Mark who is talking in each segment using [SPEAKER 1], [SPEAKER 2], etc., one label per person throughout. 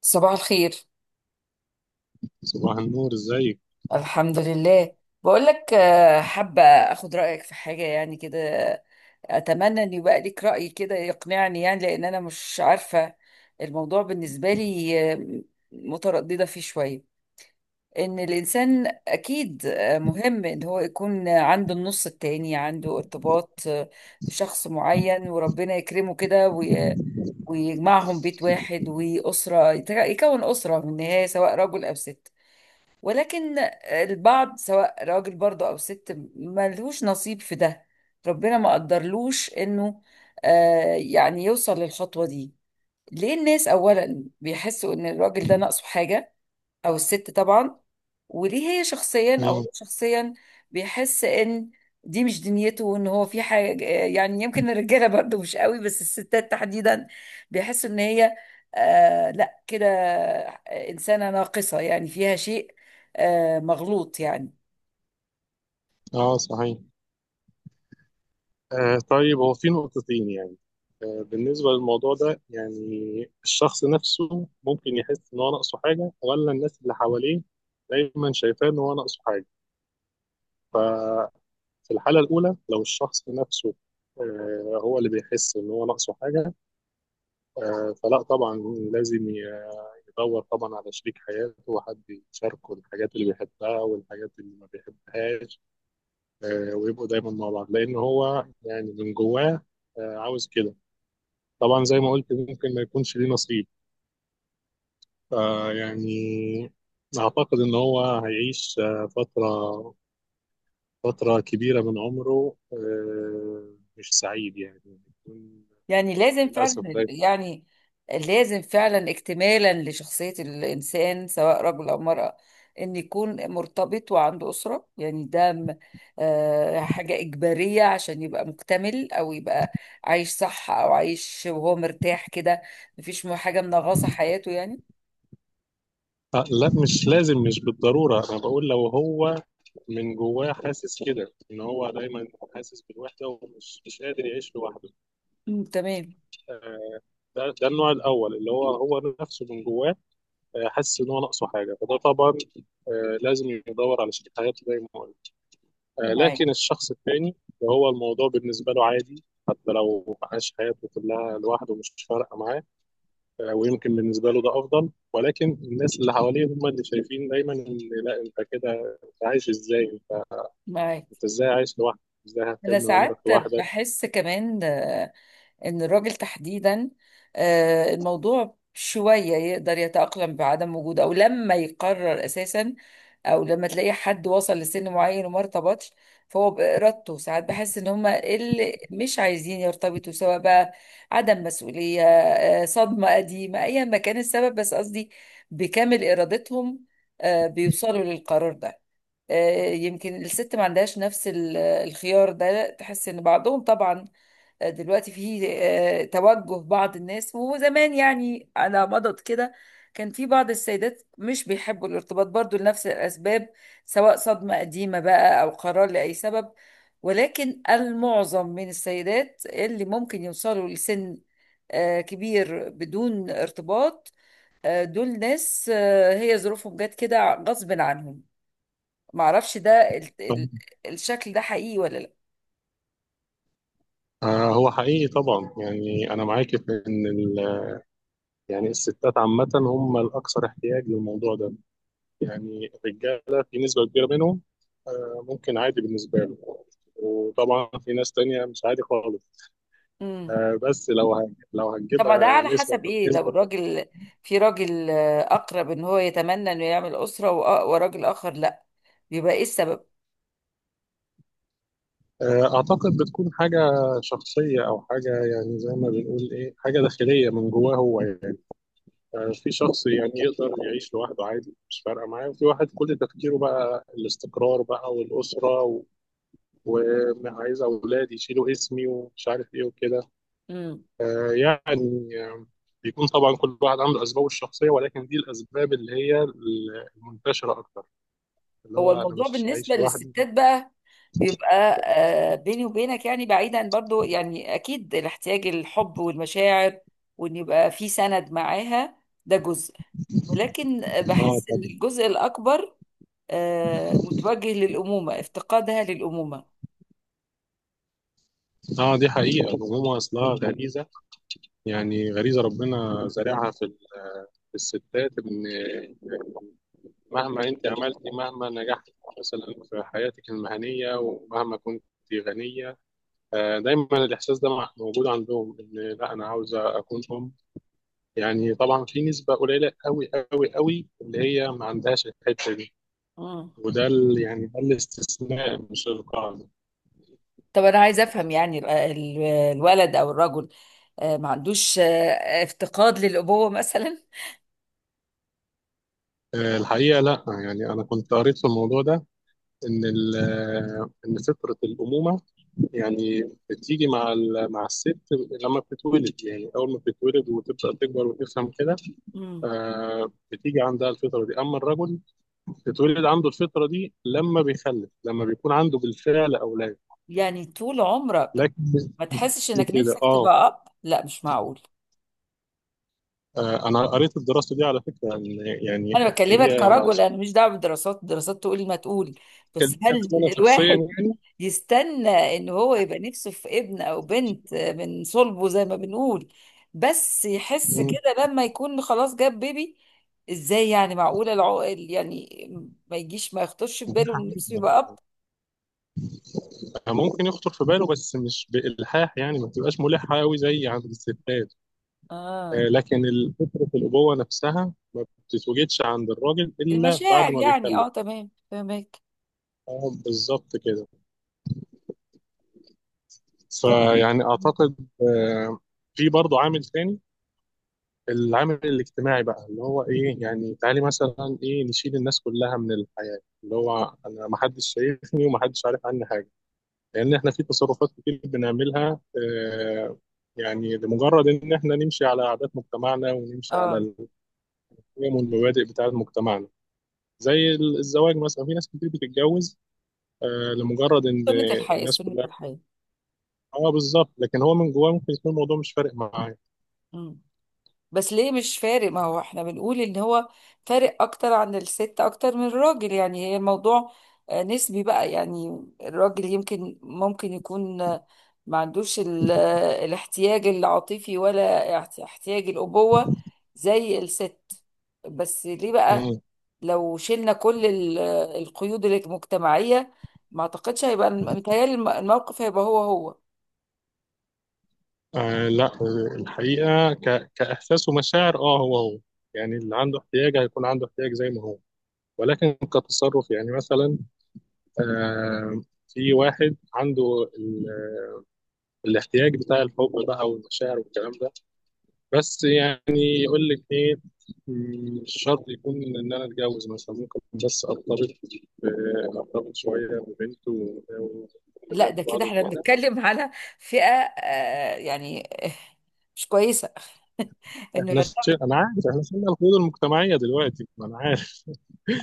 [SPEAKER 1] صباح الخير.
[SPEAKER 2] صباح النور، ازيك؟
[SPEAKER 1] الحمد لله. بقول لك حابة اخد رأيك في حاجة يعني كده. اتمنى ان يبقى ليك رأي كده يقنعني، يعني لان انا مش عارفة. الموضوع بالنسبة لي مترددة فيه شوية. ان الانسان اكيد مهم ان هو يكون عنده النص التاني، عنده ارتباط بشخص معين، وربنا يكرمه كده ويجمعهم بيت واحد وأسرة، يكون أسرة من النهاية، سواء رجل أو ست. ولكن البعض، سواء راجل برضه او ست، ملهوش نصيب في ده. ربنا ما قدرلوش انه آه يعني يوصل للخطوة دي. ليه الناس اولا بيحسوا ان الراجل ده ناقصه حاجة، او الست طبعا؟ وليه هي شخصيا، او
[SPEAKER 2] مم.
[SPEAKER 1] هو شخصيا، بيحس ان دي مش دنيته، وان هو في حاجه؟ يعني يمكن الرجاله برضه مش قوي، بس الستات تحديدا بيحسوا ان هي آه لا كده، انسانه ناقصه، يعني فيها شيء آه مغلوط يعني.
[SPEAKER 2] اه، صحيح. طيب، هو في نقطتين يعني. بالنسبة للموضوع ده، يعني الشخص نفسه ممكن يحس ان هو ناقصه حاجة، ولا الناس اللي حواليه دايما شايفاه ان هو ناقصه حاجة؟ ففي الحالة الأولى، لو الشخص نفسه هو اللي بيحس ان هو ناقصه حاجة، فلا طبعا، لازم يدور طبعا على شريك حياته، وحد يشاركه الحاجات اللي بيحبها والحاجات اللي ما بيحبهاش. ويبقوا دايما مع بعض، لان هو يعني من جواه عاوز كده. طبعا زي ما قلت، ممكن ما يكونش ليه نصيب، فيعني اعتقد ان هو هيعيش فتره، فتره كبيره من عمره مش سعيد، يعني يكون
[SPEAKER 1] يعني لازم فعلا
[SPEAKER 2] للاسف ده.
[SPEAKER 1] يعني لازم فعلا اكتمالا لشخصية الإنسان، سواء رجل أو امرأة، إن يكون مرتبط وعنده أسرة. يعني ده حاجة إجبارية عشان يبقى مكتمل، أو يبقى عايش صح، أو عايش وهو مرتاح كده، مفيش حاجة منغصة حياته يعني.
[SPEAKER 2] لا، مش لازم، مش بالضروره. انا بقول لو هو من جواه حاسس كده ان هو دايما حاسس بالوحده ومش مش قادر يعيش لوحده،
[SPEAKER 1] أمم، تمام.
[SPEAKER 2] ده النوع الاول، اللي هو هو نفسه من جواه حاسس ان هو ناقصه حاجه، فده طبعا لازم يدور على شريك حياته زي ما قلت.
[SPEAKER 1] معاك.
[SPEAKER 2] لكن الشخص الثاني، اللي هو الموضوع بالنسبه له عادي، حتى لو عاش حياته كلها لوحده مش فارقه معاه. ويمكن بالنسبه له ده افضل، ولكن الناس اللي حواليه هم اللي شايفين دايما ان لا، انت كده انت عايش ازاي،
[SPEAKER 1] معاك.
[SPEAKER 2] انت ازاي عايش لوحدك، ازاي
[SPEAKER 1] أنا
[SPEAKER 2] هتكمل عمرك
[SPEAKER 1] ساعات
[SPEAKER 2] لوحدك.
[SPEAKER 1] بحس كمان ان الراجل تحديدا الموضوع شوية يقدر يتأقلم بعدم وجوده، او لما يقرر اساسا، او لما تلاقي حد وصل لسن معين وما ارتبطش. فهو بإرادته، ساعات بحس ان هما اللي مش عايزين يرتبطوا، سواء بقى عدم مسؤولية، صدمة قديمة، ايا ما كان السبب، بس قصدي بكامل إرادتهم بيوصلوا للقرار ده. يمكن الست ما عندهاش نفس الخيار ده، تحس ان بعضهم طبعا دلوقتي في توجه بعض الناس. وزمان يعني على مضض كده كان في بعض السيدات مش بيحبوا الارتباط برضو لنفس الأسباب، سواء صدمة قديمة بقى أو قرار لأي سبب. ولكن المعظم من السيدات اللي ممكن يوصلوا لسن كبير بدون ارتباط، دول ناس هي ظروفهم جت كده غصب عنهم. معرفش ده ال- ال- الشكل ده حقيقي ولا لا؟
[SPEAKER 2] هو حقيقي طبعا. يعني انا معاك في ان يعني الستات عامه هم الاكثر احتياج للموضوع ده. يعني الرجالة في نسبة كبيرة منهم ممكن عادي بالنسبة له، وطبعا في ناس تانية مش عادي خالص.
[SPEAKER 1] مم.
[SPEAKER 2] بس لو لو
[SPEAKER 1] طبعا ده
[SPEAKER 2] هنجيبها
[SPEAKER 1] على
[SPEAKER 2] نسبة
[SPEAKER 1] حسب ايه. لو
[SPEAKER 2] نسبة،
[SPEAKER 1] الراجل، في راجل اقرب ان هو يتمنى انه يعمل اسره، وراجل اخر لا، بيبقى ايه السبب؟
[SPEAKER 2] أعتقد بتكون حاجة شخصية، أو حاجة يعني زي ما بنقول إيه، حاجة داخلية من جواه هو. يعني في شخص يعني يقدر يعيش لوحده عادي، مش فارقة معاه، وفي واحد كل تفكيره بقى الاستقرار بقى والأسرة وعايز أولاد يشيلوا اسمي ومش عارف إيه وكده.
[SPEAKER 1] امم.
[SPEAKER 2] يعني بيكون طبعا كل واحد عنده اسبابه الشخصيه، ولكن دي الاسباب اللي هي المنتشره اكتر، اللي
[SPEAKER 1] هو
[SPEAKER 2] هو انا
[SPEAKER 1] الموضوع
[SPEAKER 2] مش
[SPEAKER 1] بالنسبه
[SPEAKER 2] عايش لوحدي.
[SPEAKER 1] للستات بقى بيبقى بيني وبينك يعني، بعيدا برضو، يعني اكيد الاحتياج، الحب والمشاعر، وان يبقى في سند معاها، ده جزء. ولكن
[SPEAKER 2] اه.
[SPEAKER 1] بحس
[SPEAKER 2] طب
[SPEAKER 1] ان الجزء الاكبر متوجه للامومه، افتقادها للامومه.
[SPEAKER 2] اه، دي حقيقه. الامومه اصلها غريزه، يعني غريزه ربنا زارعها في في الستات. ان مهما انت عملتي، مهما نجحتي مثلا في حياتك المهنيه، ومهما كنت غنيه، دايما الاحساس ده موجود عندهم، ان لا، انا عاوزه اكون ام. يعني طبعا في نسبة قليلة قوي قوي قوي اللي هي ما عندهاش الحتة دي،
[SPEAKER 1] مم.
[SPEAKER 2] وده يعني ده الاستثناء مش القاعدة.
[SPEAKER 1] طب انا عايزه افهم، يعني الولد او الرجل ما عندوش افتقاد للابوه مثلا؟
[SPEAKER 2] الحقيقة لا. يعني أنا كنت قريت في الموضوع ده إن إن فطرة الأمومة يعني بتيجي مع مع الست لما بتتولد، يعني أول ما بتتولد وتبدأ تكبر وتفهم كده،
[SPEAKER 1] مم.
[SPEAKER 2] بتيجي عندها الفطرة دي. أما الرجل، بتتولد عنده الفطرة دي لما بيخلف، لما بيكون عنده بالفعل أولاد.
[SPEAKER 1] يعني طول عمرك
[SPEAKER 2] لكن
[SPEAKER 1] ما تحسش انك
[SPEAKER 2] كده
[SPEAKER 1] نفسك
[SPEAKER 2] اه.
[SPEAKER 1] تبقى اب؟ لا مش معقول.
[SPEAKER 2] انا قريت الدراسه دي على فكره، ان يعني
[SPEAKER 1] انا بكلمك
[SPEAKER 2] هي
[SPEAKER 1] كرجل، انا مش دعوه بالدراسات، الدراسات تقول ما تقول، بس
[SPEAKER 2] كلمة،
[SPEAKER 1] هل
[SPEAKER 2] انا شخصيا
[SPEAKER 1] الواحد
[SPEAKER 2] يعني
[SPEAKER 1] يستنى ان هو يبقى نفسه في ابن او بنت من صلبه زي ما بنقول، بس يحس كده لما يكون خلاص جاب بيبي؟ ازاي يعني؟ معقولة العقل يعني ما يجيش، ما يخطرش في باله ان نفسه يبقى اب؟
[SPEAKER 2] ممكن يخطر في باله، بس مش بالحاح، يعني ما بتبقاش ملحه قوي زي عند الستات.
[SPEAKER 1] اه.
[SPEAKER 2] لكن فكره الابوه نفسها ما بتتوجدش عند الراجل الا بعد
[SPEAKER 1] المشاعر
[SPEAKER 2] ما
[SPEAKER 1] يعني، اه،
[SPEAKER 2] بيخلف.
[SPEAKER 1] تمام، فهمك.
[SPEAKER 2] بالظبط كده.
[SPEAKER 1] طب.
[SPEAKER 2] فيعني اعتقد آه، في برضه عامل تاني، العامل الاجتماعي بقى، اللي هو ايه يعني؟ تعالي مثلا ايه، نشيل الناس كلها من الحياة، اللي هو انا ما حدش شايفني وما حدش عارف عني حاجة، لان احنا في تصرفات كتير بنعملها آه يعني لمجرد ان احنا نمشي على عادات مجتمعنا ونمشي على
[SPEAKER 1] اه
[SPEAKER 2] القيم والمبادئ بتاعت مجتمعنا. زي الزواج مثلا، في ناس كتير بتتجوز لمجرد ان
[SPEAKER 1] سنة الحياة،
[SPEAKER 2] الناس
[SPEAKER 1] سنة
[SPEAKER 2] كلها.
[SPEAKER 1] الحياة.
[SPEAKER 2] اه بالظبط، لكن هو من جواه ممكن يكون الموضوع مش فارق معاه.
[SPEAKER 1] بس ليه مش فارق؟ ما هو احنا بنقول ان هو فارق اكتر عن الست، اكتر من الراجل، يعني هي الموضوع نسبي بقى، يعني الراجل يمكن ممكن يكون ما عندوش الاحتياج العاطفي، ولا احتياج الأبوة زي الست. بس ليه بقى؟ لو شلنا كل القيود المجتمعية، ما اعتقدش هيبقى، متهيألي الموقف هيبقى هو هو.
[SPEAKER 2] لا، الحقيقة كإحساس ومشاعر، اه، هو هو. يعني اللي عنده احتياج هيكون عنده احتياج زي ما هو، ولكن كتصرف يعني مثلا، آه في واحد عنده الاحتياج بتاع الحب بقى والمشاعر والكلام ده، بس يعني يقول لك ايه، مش شرط يكون ان انا اتجوز مثلا، ممكن بس ارتبط، ارتبط شويه ببنت
[SPEAKER 1] لا ده
[SPEAKER 2] ونحب بعض
[SPEAKER 1] كده احنا
[SPEAKER 2] وكده.
[SPEAKER 1] بنتكلم على فئة آه يعني مش كويسة انه
[SPEAKER 2] احنا ش...
[SPEAKER 1] يرتبط.
[SPEAKER 2] انا عارف، احنا شلنا القيود المجتمعيه دلوقتي، ما انا عارف.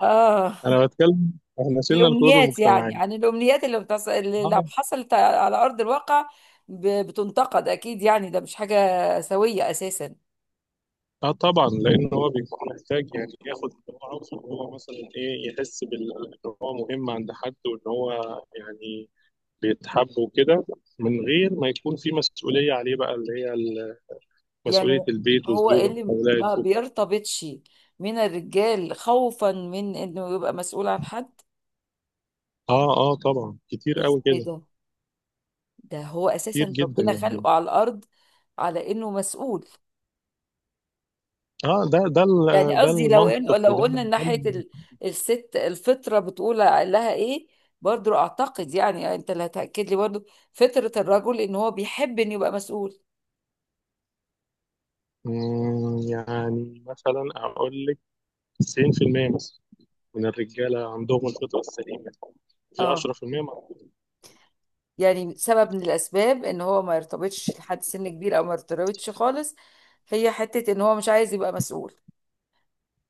[SPEAKER 1] اه.
[SPEAKER 2] انا بتكلم، احنا شلنا القيود
[SPEAKER 1] الامنيات، يعني
[SPEAKER 2] المجتمعيه.
[SPEAKER 1] عن الامنيات اللي, بتص... اللي لو
[SPEAKER 2] اه.
[SPEAKER 1] حصلت على ارض الواقع ب... بتنتقد اكيد، يعني ده مش حاجة سوية اساسا
[SPEAKER 2] طبعا لان هو بيكون محتاج، يعني ياخد اللي هو عاوزه، إن هو مثلا ايه، يحس بال ان هو مهم عند حد، وان هو يعني بيتحب وكده، من غير ما يكون في مسؤوليه عليه بقى، اللي هي مسؤوليه
[SPEAKER 1] يعني.
[SPEAKER 2] البيت
[SPEAKER 1] هو إيه
[SPEAKER 2] والزوجه
[SPEAKER 1] اللي
[SPEAKER 2] والاولاد.
[SPEAKER 1] ما بيرتبطش من الرجال خوفا من انه يبقى مسؤول عن حد؟
[SPEAKER 2] اه طبعا، كتير قوي
[SPEAKER 1] ازاي
[SPEAKER 2] كده،
[SPEAKER 1] ده؟ ده هو
[SPEAKER 2] كتير
[SPEAKER 1] اساسا
[SPEAKER 2] جدا
[SPEAKER 1] ربنا
[SPEAKER 2] يعني.
[SPEAKER 1] خلقه على الارض على انه مسؤول.
[SPEAKER 2] اه ده
[SPEAKER 1] يعني
[SPEAKER 2] ده
[SPEAKER 1] قصدي لو
[SPEAKER 2] المنطق،
[SPEAKER 1] إن لو
[SPEAKER 2] وده
[SPEAKER 1] قلنا من
[SPEAKER 2] ده
[SPEAKER 1] ناحية الست، الفطرة بتقول لها ايه؟ برضو اعتقد يعني، يعني انت اللي هتأكد لي، برضو فطرة الرجل ان هو بيحب ان يبقى مسؤول.
[SPEAKER 2] يعني مثلا اقول لك 90% مثلا من الرجالة عندهم الفطرة السليمة، في
[SPEAKER 1] اه.
[SPEAKER 2] 10% ما.
[SPEAKER 1] يعني سبب من الاسباب ان هو ما يرتبطش لحد سن كبير، او ما يرتبطش خالص، هي حتة ان هو مش عايز يبقى مسؤول.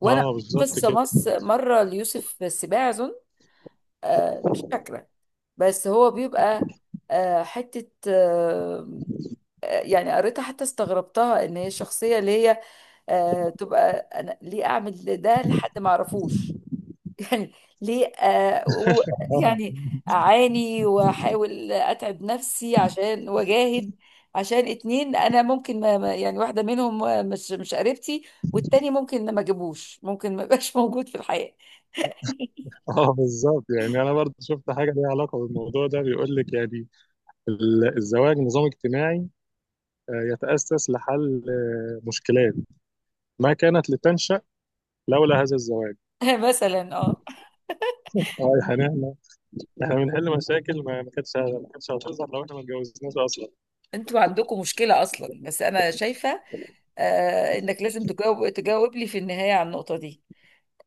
[SPEAKER 1] وانا
[SPEAKER 2] اه
[SPEAKER 1] قريت
[SPEAKER 2] بالظبط
[SPEAKER 1] قصة
[SPEAKER 2] كده.
[SPEAKER 1] مص مرة ليوسف السباع اظن، آه مش فاكرة، بس هو بيبقى آه حتة آه يعني، قريتها حتى استغربتها. ان هي الشخصية اللي هي تبقى، انا ليه اعمل ده لحد ما اعرفوش يعني؟ ليه
[SPEAKER 2] اه
[SPEAKER 1] يعني اعاني واحاول اتعب نفسي عشان، واجاهد عشان اتنين، انا ممكن يعني واحده منهم مش، مش قريبتي، والتاني ممكن ما اجيبوش، ممكن ما يبقاش موجود في الحياه.
[SPEAKER 2] بالظبط. يعني انا برضه شفت حاجة ليها علاقة بالموضوع ده، بيقول لك يعني الزواج نظام اجتماعي يتأسس لحل مشكلات ما كانت لتنشأ لولا هذا الزواج.
[SPEAKER 1] مثلا اه.
[SPEAKER 2] اه يا حنان، احنا بنحل مشاكل ما كانتش هتظهر لو احنا ما اتجوزناش اصلا.
[SPEAKER 1] انتوا عندكم مشكله اصلا، بس انا شايفه انك لازم تجاوب، تجاوب لي في النهايه على النقطه دي.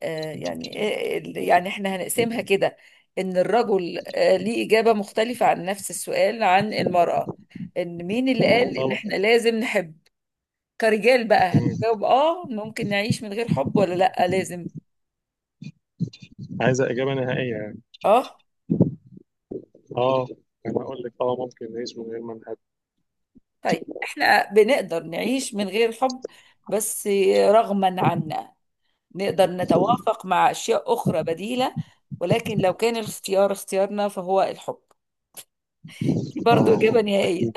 [SPEAKER 1] يعني يعني احنا هنقسمها كده، ان الرجل ليه إجابة مختلفة عن نفس السؤال عن المرأة. ان مين اللي قال ان
[SPEAKER 2] طبعا.
[SPEAKER 1] احنا لازم نحب؟ كرجال بقى،
[SPEAKER 2] مم.
[SPEAKER 1] هتجاوب اه ممكن نعيش من غير حب، ولا لا لازم؟
[SPEAKER 2] عايزة إجابة نهائية يعني؟
[SPEAKER 1] اه.
[SPEAKER 2] اه. انا اقول لك اه، ممكن نعيش من غير ما نحب.
[SPEAKER 1] طيب احنا بنقدر نعيش من غير حب، بس رغما عنا، نقدر نتوافق مع اشياء اخرى بديلة، ولكن لو كان الاختيار اختيارنا فهو الحب. دي برضو
[SPEAKER 2] اه،
[SPEAKER 1] إجابة نهائية.
[SPEAKER 2] اكيد.